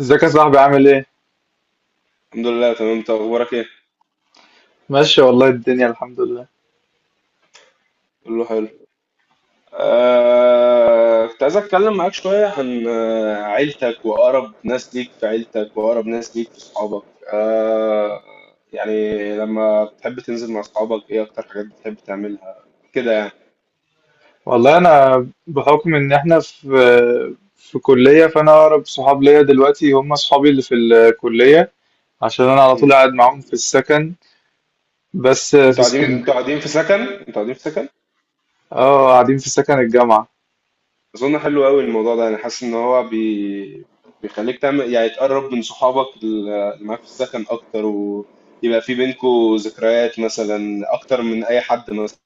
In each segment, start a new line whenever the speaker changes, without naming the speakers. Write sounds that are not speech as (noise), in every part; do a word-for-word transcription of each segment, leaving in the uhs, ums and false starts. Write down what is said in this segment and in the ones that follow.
ازيك يا صاحبي عامل ايه؟
الحمد لله تمام، انت اخبارك ايه؟
ماشي والله الدنيا الحمد لله.
كله حلو. آه... كنت عايز اتكلم معاك شويه عن آه، عيلتك واقرب ناس ليك في عيلتك واقرب ناس ليك في صحابك. آه... يعني لما بتحب تنزل مع صحابك، ايه اكتر حاجات بتحب تعملها كده يعني.
والله انا بحكم ان احنا في في كلية، فانا اقرب صحاب ليا دلوقتي هم صحابي اللي في الكلية، عشان انا على
مم.
طول قاعد معاهم في السكن، بس في
انتوا قاعدين انتوا
اسكندرية.
قاعدين في سكن انتوا قاعدين في سكن؟
اه قاعدين في سكن الجامعة.
أظن حلو أوي الموضوع ده. أنا حاسس إن هو بي... بيخليك تعمل يعني تقرب من صحابك اللي معاك في السكن أكتر، ويبقى في بينكوا ذكريات مثلا، أكتر من أي حد مثلا.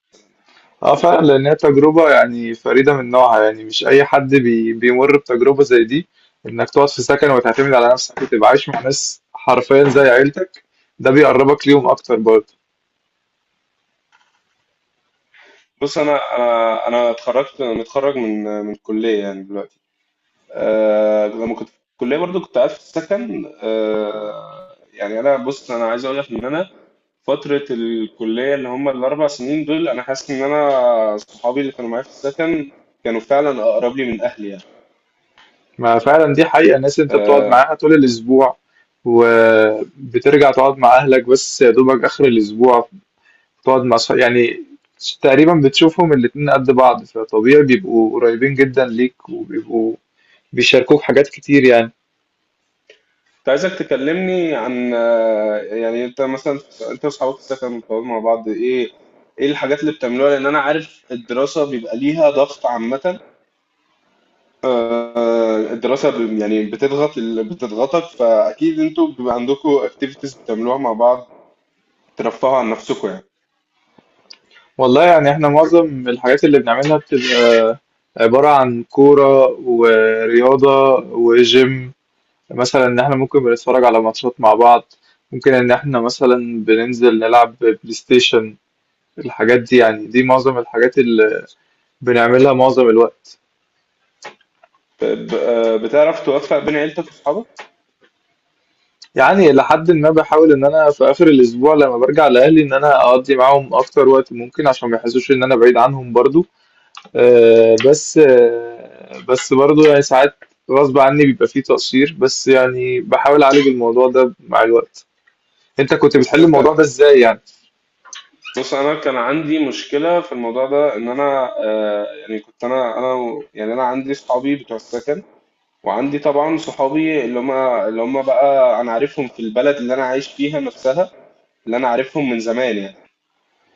اه فعلا، لان هي تجربة يعني فريدة من نوعها، يعني مش اي حد بي بيمر بتجربة زي دي، انك تقعد في سكن وتعتمد على نفسك وتبقى عايش مع ناس حرفيا زي عيلتك. ده بيقربك ليهم اكتر برضه.
بص، أنا أنا أنا اتخرجت متخرج من من الكلية يعني دلوقتي. أه... لما كنت في الكلية برضو كنت قاعد في السكن. أه... يعني أنا، بص، أنا عايز أقول لك إن أنا فترة الكلية اللي هم الأربع سنين دول، أنا حاسس إن أنا صحابي اللي كانوا معايا في السكن كانوا فعلا أقرب لي من أهلي يعني.
ما فعلا دي حقيقة، الناس اللي انت بتقعد
آه،
معاها طول الأسبوع وبترجع تقعد مع أهلك بس يا دوبك آخر الأسبوع، تقعد مع صح... يعني تقريبا بتشوفهم الاتنين قد بعض، فطبيعي بيبقوا قريبين جدا ليك وبيبقوا بيشاركوك حاجات كتير يعني.
كنت عايزك تكلمني عن آه، يعني انت مثلا، انت واصحابك في السكن بتقعدوا مع بعض ايه؟ ايه الحاجات اللي بتعملوها؟ لان انا عارف الدراسة بيبقى ليها ضغط عامة. آه، الدراسة ب- يعني بتضغط، ال- بتضغطك، فاكيد انتوا بيبقى عندكم اكتيفيتيز بتعملوها مع بعض، ترفهوا عن نفسكم يعني.
والله يعني احنا معظم الحاجات اللي بنعملها بتبقى عبارة عن كورة ورياضة وجيم، مثلا ان احنا ممكن بنتفرج على ماتشات مع بعض، ممكن ان احنا مثلا بننزل نلعب بلاي ستيشن. الحاجات دي يعني دي معظم الحاجات اللي بنعملها معظم الوقت.
ب- آه، بتعرف توفق بين عيلتك واصحابك؟
يعني لحد ما بحاول ان انا في اخر الاسبوع لما برجع لاهلي ان انا اقضي معاهم اكتر وقت ممكن، عشان ما يحسوش ان انا بعيد عنهم برضو. آه، بس آه، بس برضو يعني ساعات غصب عني بيبقى فيه تقصير، بس يعني بحاول اعالج الموضوع ده مع الوقت. انت كنت
بس
بتحل
انت،
الموضوع ده ازاي يعني؟
بص، انا كان عندي مشكلة في الموضوع ده، ان انا آه، يعني كنت انا انا و- يعني انا عندي اصحابي بتوع السكن، وعندي طبعا صحابي اللي هما اللي هما بقى انا عارفهم في البلد اللي انا عايش فيها نفسها، اللي انا عارفهم من زمان يعني.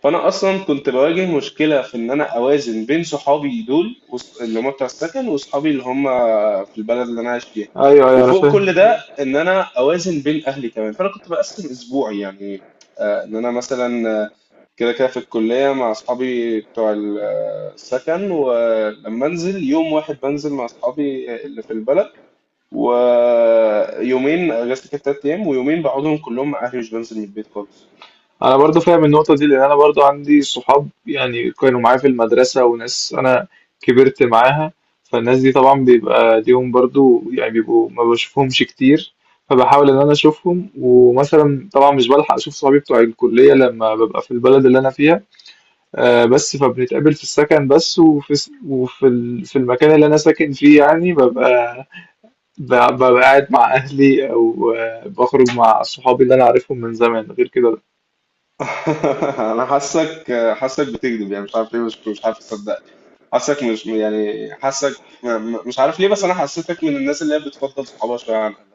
فانا اصلا كنت بواجه مشكله في ان انا اوازن بين صحابي دول وص- اللي هم بتوع السكن، وصحابي اللي هم في البلد اللي انا عايش فيها.
ايوه ايوه انا
وفوق كل ده،
فاهم.
ان انا اوازن بين اهلي كمان. فانا كنت بقسم اسبوعي يعني، آه، ان انا مثلا آه، كده كده في الكليه مع اصحابي بتوع ال- آه، السكن، ولما انزل يوم واحد بنزل مع اصحابي اللي في البلد. ويومين، اجازتي كانت تلات ايام، ويومين بقعدهم كلهم مع اهلي، مش بنزل من البيت خالص.
انا برضو فاهم النقطه دي، لان انا برضو عندي صحاب يعني كانوا معايا في المدرسه وناس انا كبرت معاها، فالناس دي طبعا بيبقى ليهم برضو يعني، بيبقوا ما بشوفهمش كتير، فبحاول ان انا اشوفهم. ومثلا طبعا مش بلحق اشوف صحابي بتوع الكليه لما ببقى في البلد اللي انا فيها، آه، بس فبنتقابل في السكن بس. وفي س- وفي ال- في المكان اللي انا ساكن فيه يعني ببقى ب- ببقى قاعد مع اهلي او آه، بخرج مع صحابي اللي انا عارفهم من زمان غير كده.
(laughs) انا حاسك حاسك بتكذب يعني، مش عارف ليه، مش مش عارف اصدق. حاسك مش، يعني حاسك م- م- مش عارف ليه، بس انا حسيتك من الناس اللي هي بتفضل صحابها شويه عن اهلها.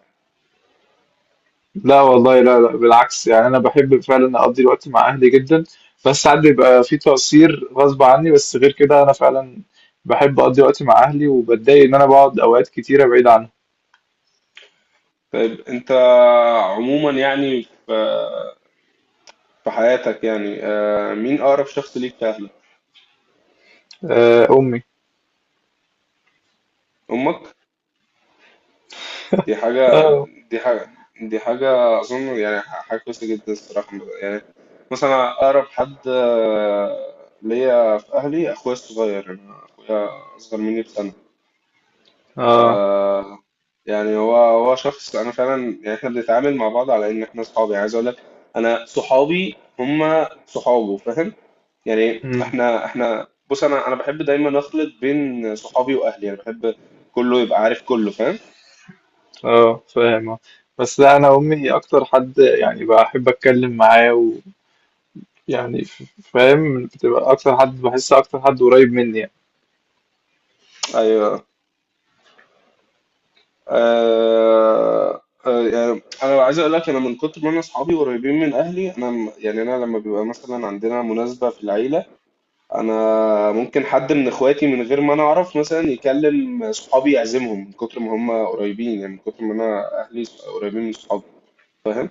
لا والله، لا لا، بالعكس، يعني انا بحب فعلا اقضي الوقت مع اهلي جدا، بس ساعات بيبقى في تقصير غصب عني، بس غير كده انا فعلا بحب اقضي وقت مع اهلي، وبتضايق ان انا بقعد اوقات كتيره بعيد عنهم.
طيب انت عموما يعني في في حياتك يعني، آه، مين اقرب شخص ليك في اهلك؟
آه، امي.
امك. دي حاجة،
اه.
دي حاجة، دي حاجة أظن يعني حاجة كويسة جدا الصراحة يعني. مثلا أقرب حد آه، ليا في أهلي أخويا الصغير، أنا أخويا أصغر مني بسنة.
اه.
آه، يعني هو هو شخص أنا فعلا، يعني إحنا بنتعامل مع بعض على إن إحنا صحابي. عايز أقول لك أنا صحابي هما صحابه، فاهم؟ يعني
امم.
احنا احنا بص، انا انا بحب دايما اخلط بين صحابي واهلي، يعني بحب كله يبقى عارف، كله فاهم.
اه فاهم آه. بس لا، انا امي اكتر حد يعني بحب اتكلم معاه، ويعني ف- فاهم، بتبقى اكتر حد، بحس اكتر حد قريب مني يعني.
ايوه. آه آه يعني انا عايز اقول لك، انا من كتر ما انا اصحابي قريبين من اهلي، انا م- يعني انا لما بيبقى مثلا عندنا مناسبه في العيله، انا ممكن حد من اخواتي من غير ما انا اعرف مثلا يكلم صحابي يعزمهم من كتر ما هم قريبين، يعني من كتر ما انا اهلي قريبين من صحابي، فاهم؟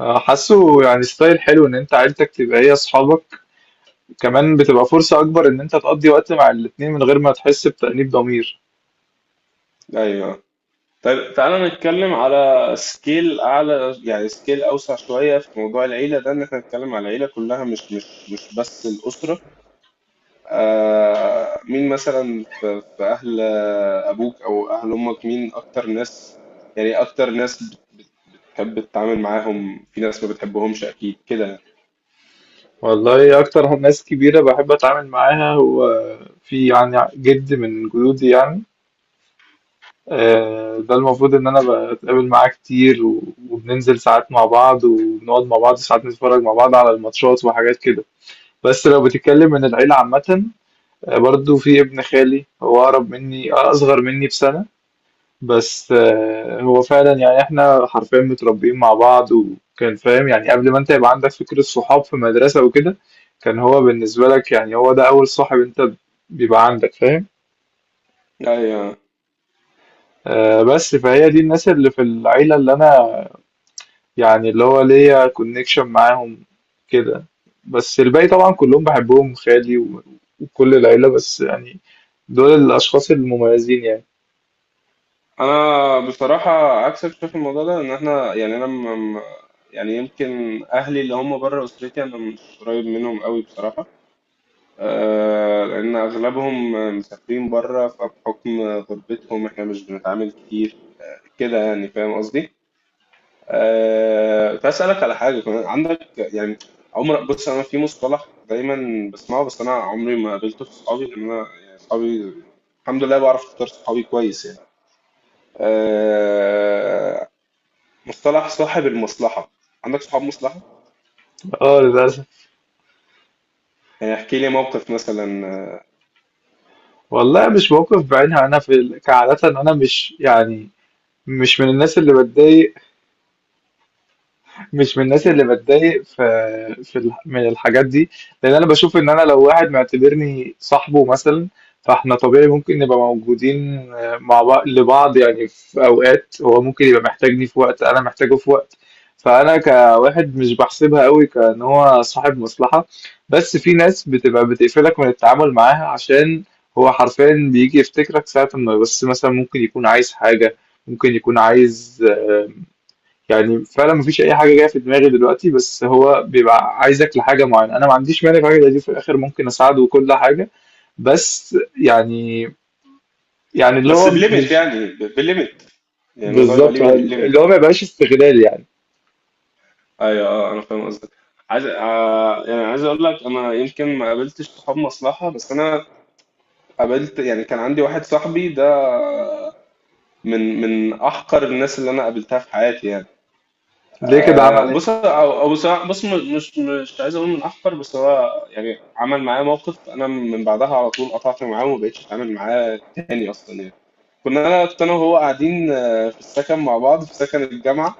آه، حاسه يعني ستايل حلو ان انت عيلتك تبقى هي اصحابك، كمان بتبقى فرصة أكبر إن أنت تقضي وقت مع الاتنين من غير ما تحس بتأنيب ضمير.
ايوه. طيب تعالى نتكلم على سكيل اعلى، يعني سكيل اوسع شويه في موضوع العيله ده، ان احنا نتكلم على العيله كلها مش مش مش بس الاسره. آه، مين مثلا في في أهل أبوك أو أهل أمك، مين أكتر ناس يعني، إيه أكتر ناس بتحب تتعامل معاهم؟ في ناس ما بتحبهمش أكيد كده يعني.
والله أكتر ناس كبيرة بحب أتعامل معاها، هو في يعني جد من جدودي يعني، آه، ده المفروض إن أنا بتقابل معاه كتير و- وبننزل ساعات مع بعض، وبنقعد مع بعض ساعات نتفرج مع بعض على الماتشات وحاجات كده. بس لو بتتكلم من العيلة عامة، آه، برضو في ابن خالي، هو أقرب مني، أصغر مني بسنة، بس آه، هو فعلا يعني احنا حرفيا متربيين مع بعض، وكان فاهم يعني، قبل ما انت يبقى عندك فكرة صحاب في مدرسة وكده، كان هو بالنسبة لك يعني هو ده أول صاحب انت بيبقى عندك، فاهم؟
أيوة.
آه، بس فهي دي الناس اللي في العيلة اللي أنا يعني اللي هو ليا كونكشن معاهم كده. بس الباقي طبعا كلهم بحبهم، خالي و- وكل العيلة، بس يعني دول الأشخاص المميزين يعني.
أنا بصراحة عكسك، شايف الموضوع ده إن إحنا يعني أنا م... م- يعني يمكن أهلي اللي هم بره أسرتي أنا مش قريب منهم قوي بصراحة. آه، لأن أغلبهم مسافرين بره، فبحكم غربتهم إحنا مش بنتعامل كتير كده يعني. فاهم قصدي؟ أه... كنت عايز اسالك على حاجه كمان عندك يعني عمر. بص، انا في مصطلح دايما بسمعه بس انا عمري ما قابلته في صحابي، لان انا يعني صحابي الحمد لله بعرف اختار صحابي كويس يعني. أه... مصطلح صاحب المصلحه، عندك صحاب مصلحه؟
اه للأسف.
يعني احكي لي موقف مثلا آه،
والله مش موقف بعينها، أنا في ال- كعادة أنا مش يعني مش من الناس اللي بتضايق، مش من الناس
مم.
اللي بتضايق في في ال- من الحاجات دي، لان انا بشوف ان انا لو واحد معتبرني صاحبه مثلا، فاحنا طبيعي ممكن نبقى موجودين مع بعض لبعض يعني، في اوقات هو ممكن يبقى محتاجني، في وقت انا محتاجه في وقت، فانا كواحد مش بحسبها قوي كان هو صاحب مصلحة. بس في ناس بتبقى بتقفلك من التعامل معاها، عشان هو حرفيا بيجي يفتكرك ساعة ما بس مثلا ممكن يكون عايز حاجة، ممكن يكون عايز آه، يعني، فعلًا ما فيش أي حاجة جاية في دماغي دلوقتي، بس هو بيبقى عايزك لحاجة معيّنة، أنا ما عنديش مانع في حاجة زي دي، في الآخر ممكن أساعده وكل حاجة، بس يعني، يعني اللي
بس
هو
بليمت
مش
يعني ب- بليمت، يعني الموضوع يبقى
بالضبط
ليه
آه، اللي
ليميت
هو ما
يعني.
يبقاش استغلال يعني.
ايوه، اه، انا فاهم قصدك. عايز آه يعني عايز اقول لك، انا يمكن ما قابلتش صحاب مصلحه، بس انا قابلت، يعني كان عندي واحد صاحبي ده من من احقر الناس اللي انا قابلتها في حياتي يعني.
ليه كده، عمل
آه،
إيه؟
بص، أو أو بص بص م- مش مش عايز اقول من احقر، بس هو يعني عمل معايا موقف، انا من بعدها على طول قطعت معاه وما بقتش اتعامل معاه تاني اصلا يعني. كنا انا كنت انا وهو قاعدين آه، في السكن مع بعض في سكن الجامعه.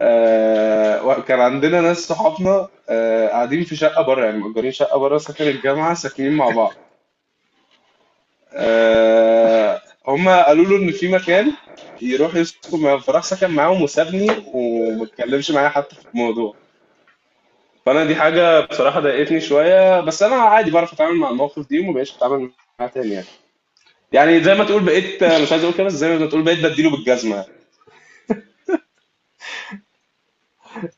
آه، وكان عندنا ناس صحابنا آه، قاعدين في شقه بره، يعني مأجرين شقه بره سكن الجامعه ساكنين مع بعض. آه هم قالوا له ان في مكان يروح يسكن معاهم، فراح سكن معاهم وسابني وما اتكلمش معايا حتى في الموضوع. فانا دي حاجه بصراحه ضايقتني شويه، بس انا عادي بعرف اتعامل مع المواقف دي وما بقتش اتعامل معاها تاني يعني. يعني زي ما تقول بقيت مش عايز اقول كده، بس زي ما تقول بقيت بديله بالجزمه.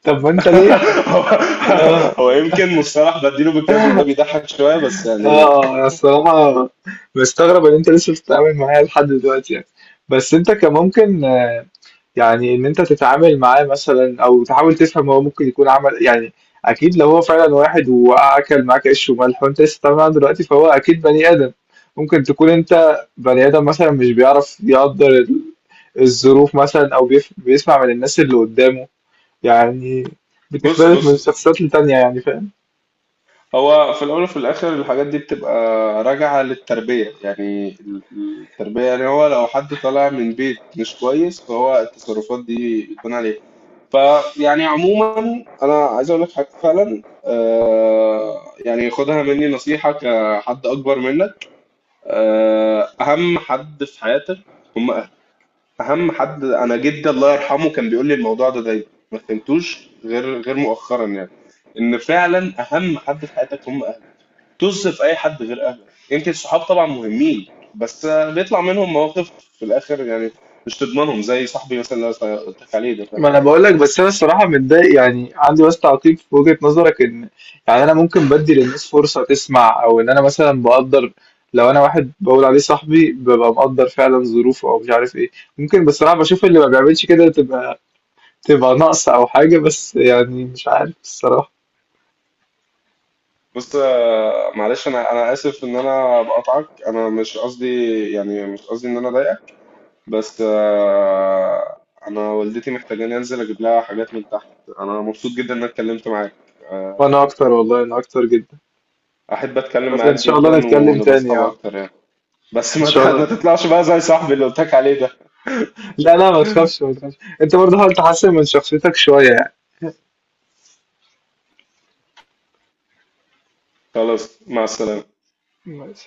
طب ما أنت ليه ح
(laughs) هو
آه،
هو يمكن مصطلح بديله بالجزمه ده بيضحك شويه بس يعني.
آه، أنا الصراحة مستغرب إن أنت لسه بتتعامل معايا لحد دلوقتي يعني، بس أنت كان ممكن يعني إن أنت تتعامل معاه مثلًا أو تحاول تفهم هو ممكن يكون عمل يعني، أكيد لو هو فعلًا واحد وأكل معاك عيش وملح وأنت لسه بتتعامل معاه دلوقتي، فهو أكيد بني آدم، ممكن تكون أنت بني آدم مثلًا مش بيعرف يقدّر ال الظروف مثلًا، أو بيف بيسمع من الناس اللي قدّامه، يعني
بص
بتختلف من
بص
شخصيات لتانية يعني، فاهم؟
هو في الأول وفي الآخر الحاجات دي بتبقى راجعة للتربية. يعني ال- ال- التربية، يعني هو لو حد طالع من بيت مش كويس فهو التصرفات دي بتكون عليه. فيعني عموما أنا عايز أقول لك حاجة فعلا آه يعني، خدها مني نصيحة كحد أكبر منك. آه أهم حد في حياتك هم أهلك. أهم حد، أنا جدي الله يرحمه كان بيقول لي الموضوع ده دايما، ما فهمتوش غير غير مؤخرا يعني، إن فعلا أهم حد في حياتك هم أهلك. طز في أي حد غير أهلك، يمكن الصحاب طبعا مهمين بس بيطلع منهم مواقف في الآخر يعني، مش تضمنهم زي صاحبي مثلا اللي أنا قلت لك عليه ده، فاهم؟
ما أنا باقول لك، بس أنا الصراحة متضايق يعني، عندي بس تعقيب في وجهة نظرك، إن يعني أنا ممكن بادّي للناس فرصة تسمع، أو إن أنا مثلًا باقدّر، لو أنا واحد باقول عليه صاحبي بابقى مقدّر فعلًا ظروفه أو مش عارف إيه، ممكن بصراحة باشوف اللي ما بيعملش كده تبقى تبقى ناقصة أو حاجة، بس يعني مش عارف الصراحة.
بص آه، معلش، أنا أنا آسف إن أنا بقطعك، أنا مش قصدي يعني مش قصدي إن أنا أضايقك، بس آه، أنا والدتي محتاجاني أنزل أجيب لها حاجات من تحت. أنا مبسوط جدا إن أنا اتكلمت معاك،
وأنا أكتر، والله أنا أكتر جدًا.
أحب أتكلم
بس إن
معاك
شاء
جدا
الله نتكلّم
ونبقى
تاني
أصحاب
آه.
أكتر يعني. بس
إن
ما
شاء
تح- ما
الله.
تطلعش بقى زي صاحبي اللي قلت لك عليه ده.
لا، لا ما تخافش، ما تخافش، أنت برضه حاول تحسّن من شخصيتك شوية يعني.
خلاص، مع السلامة.
ماشي.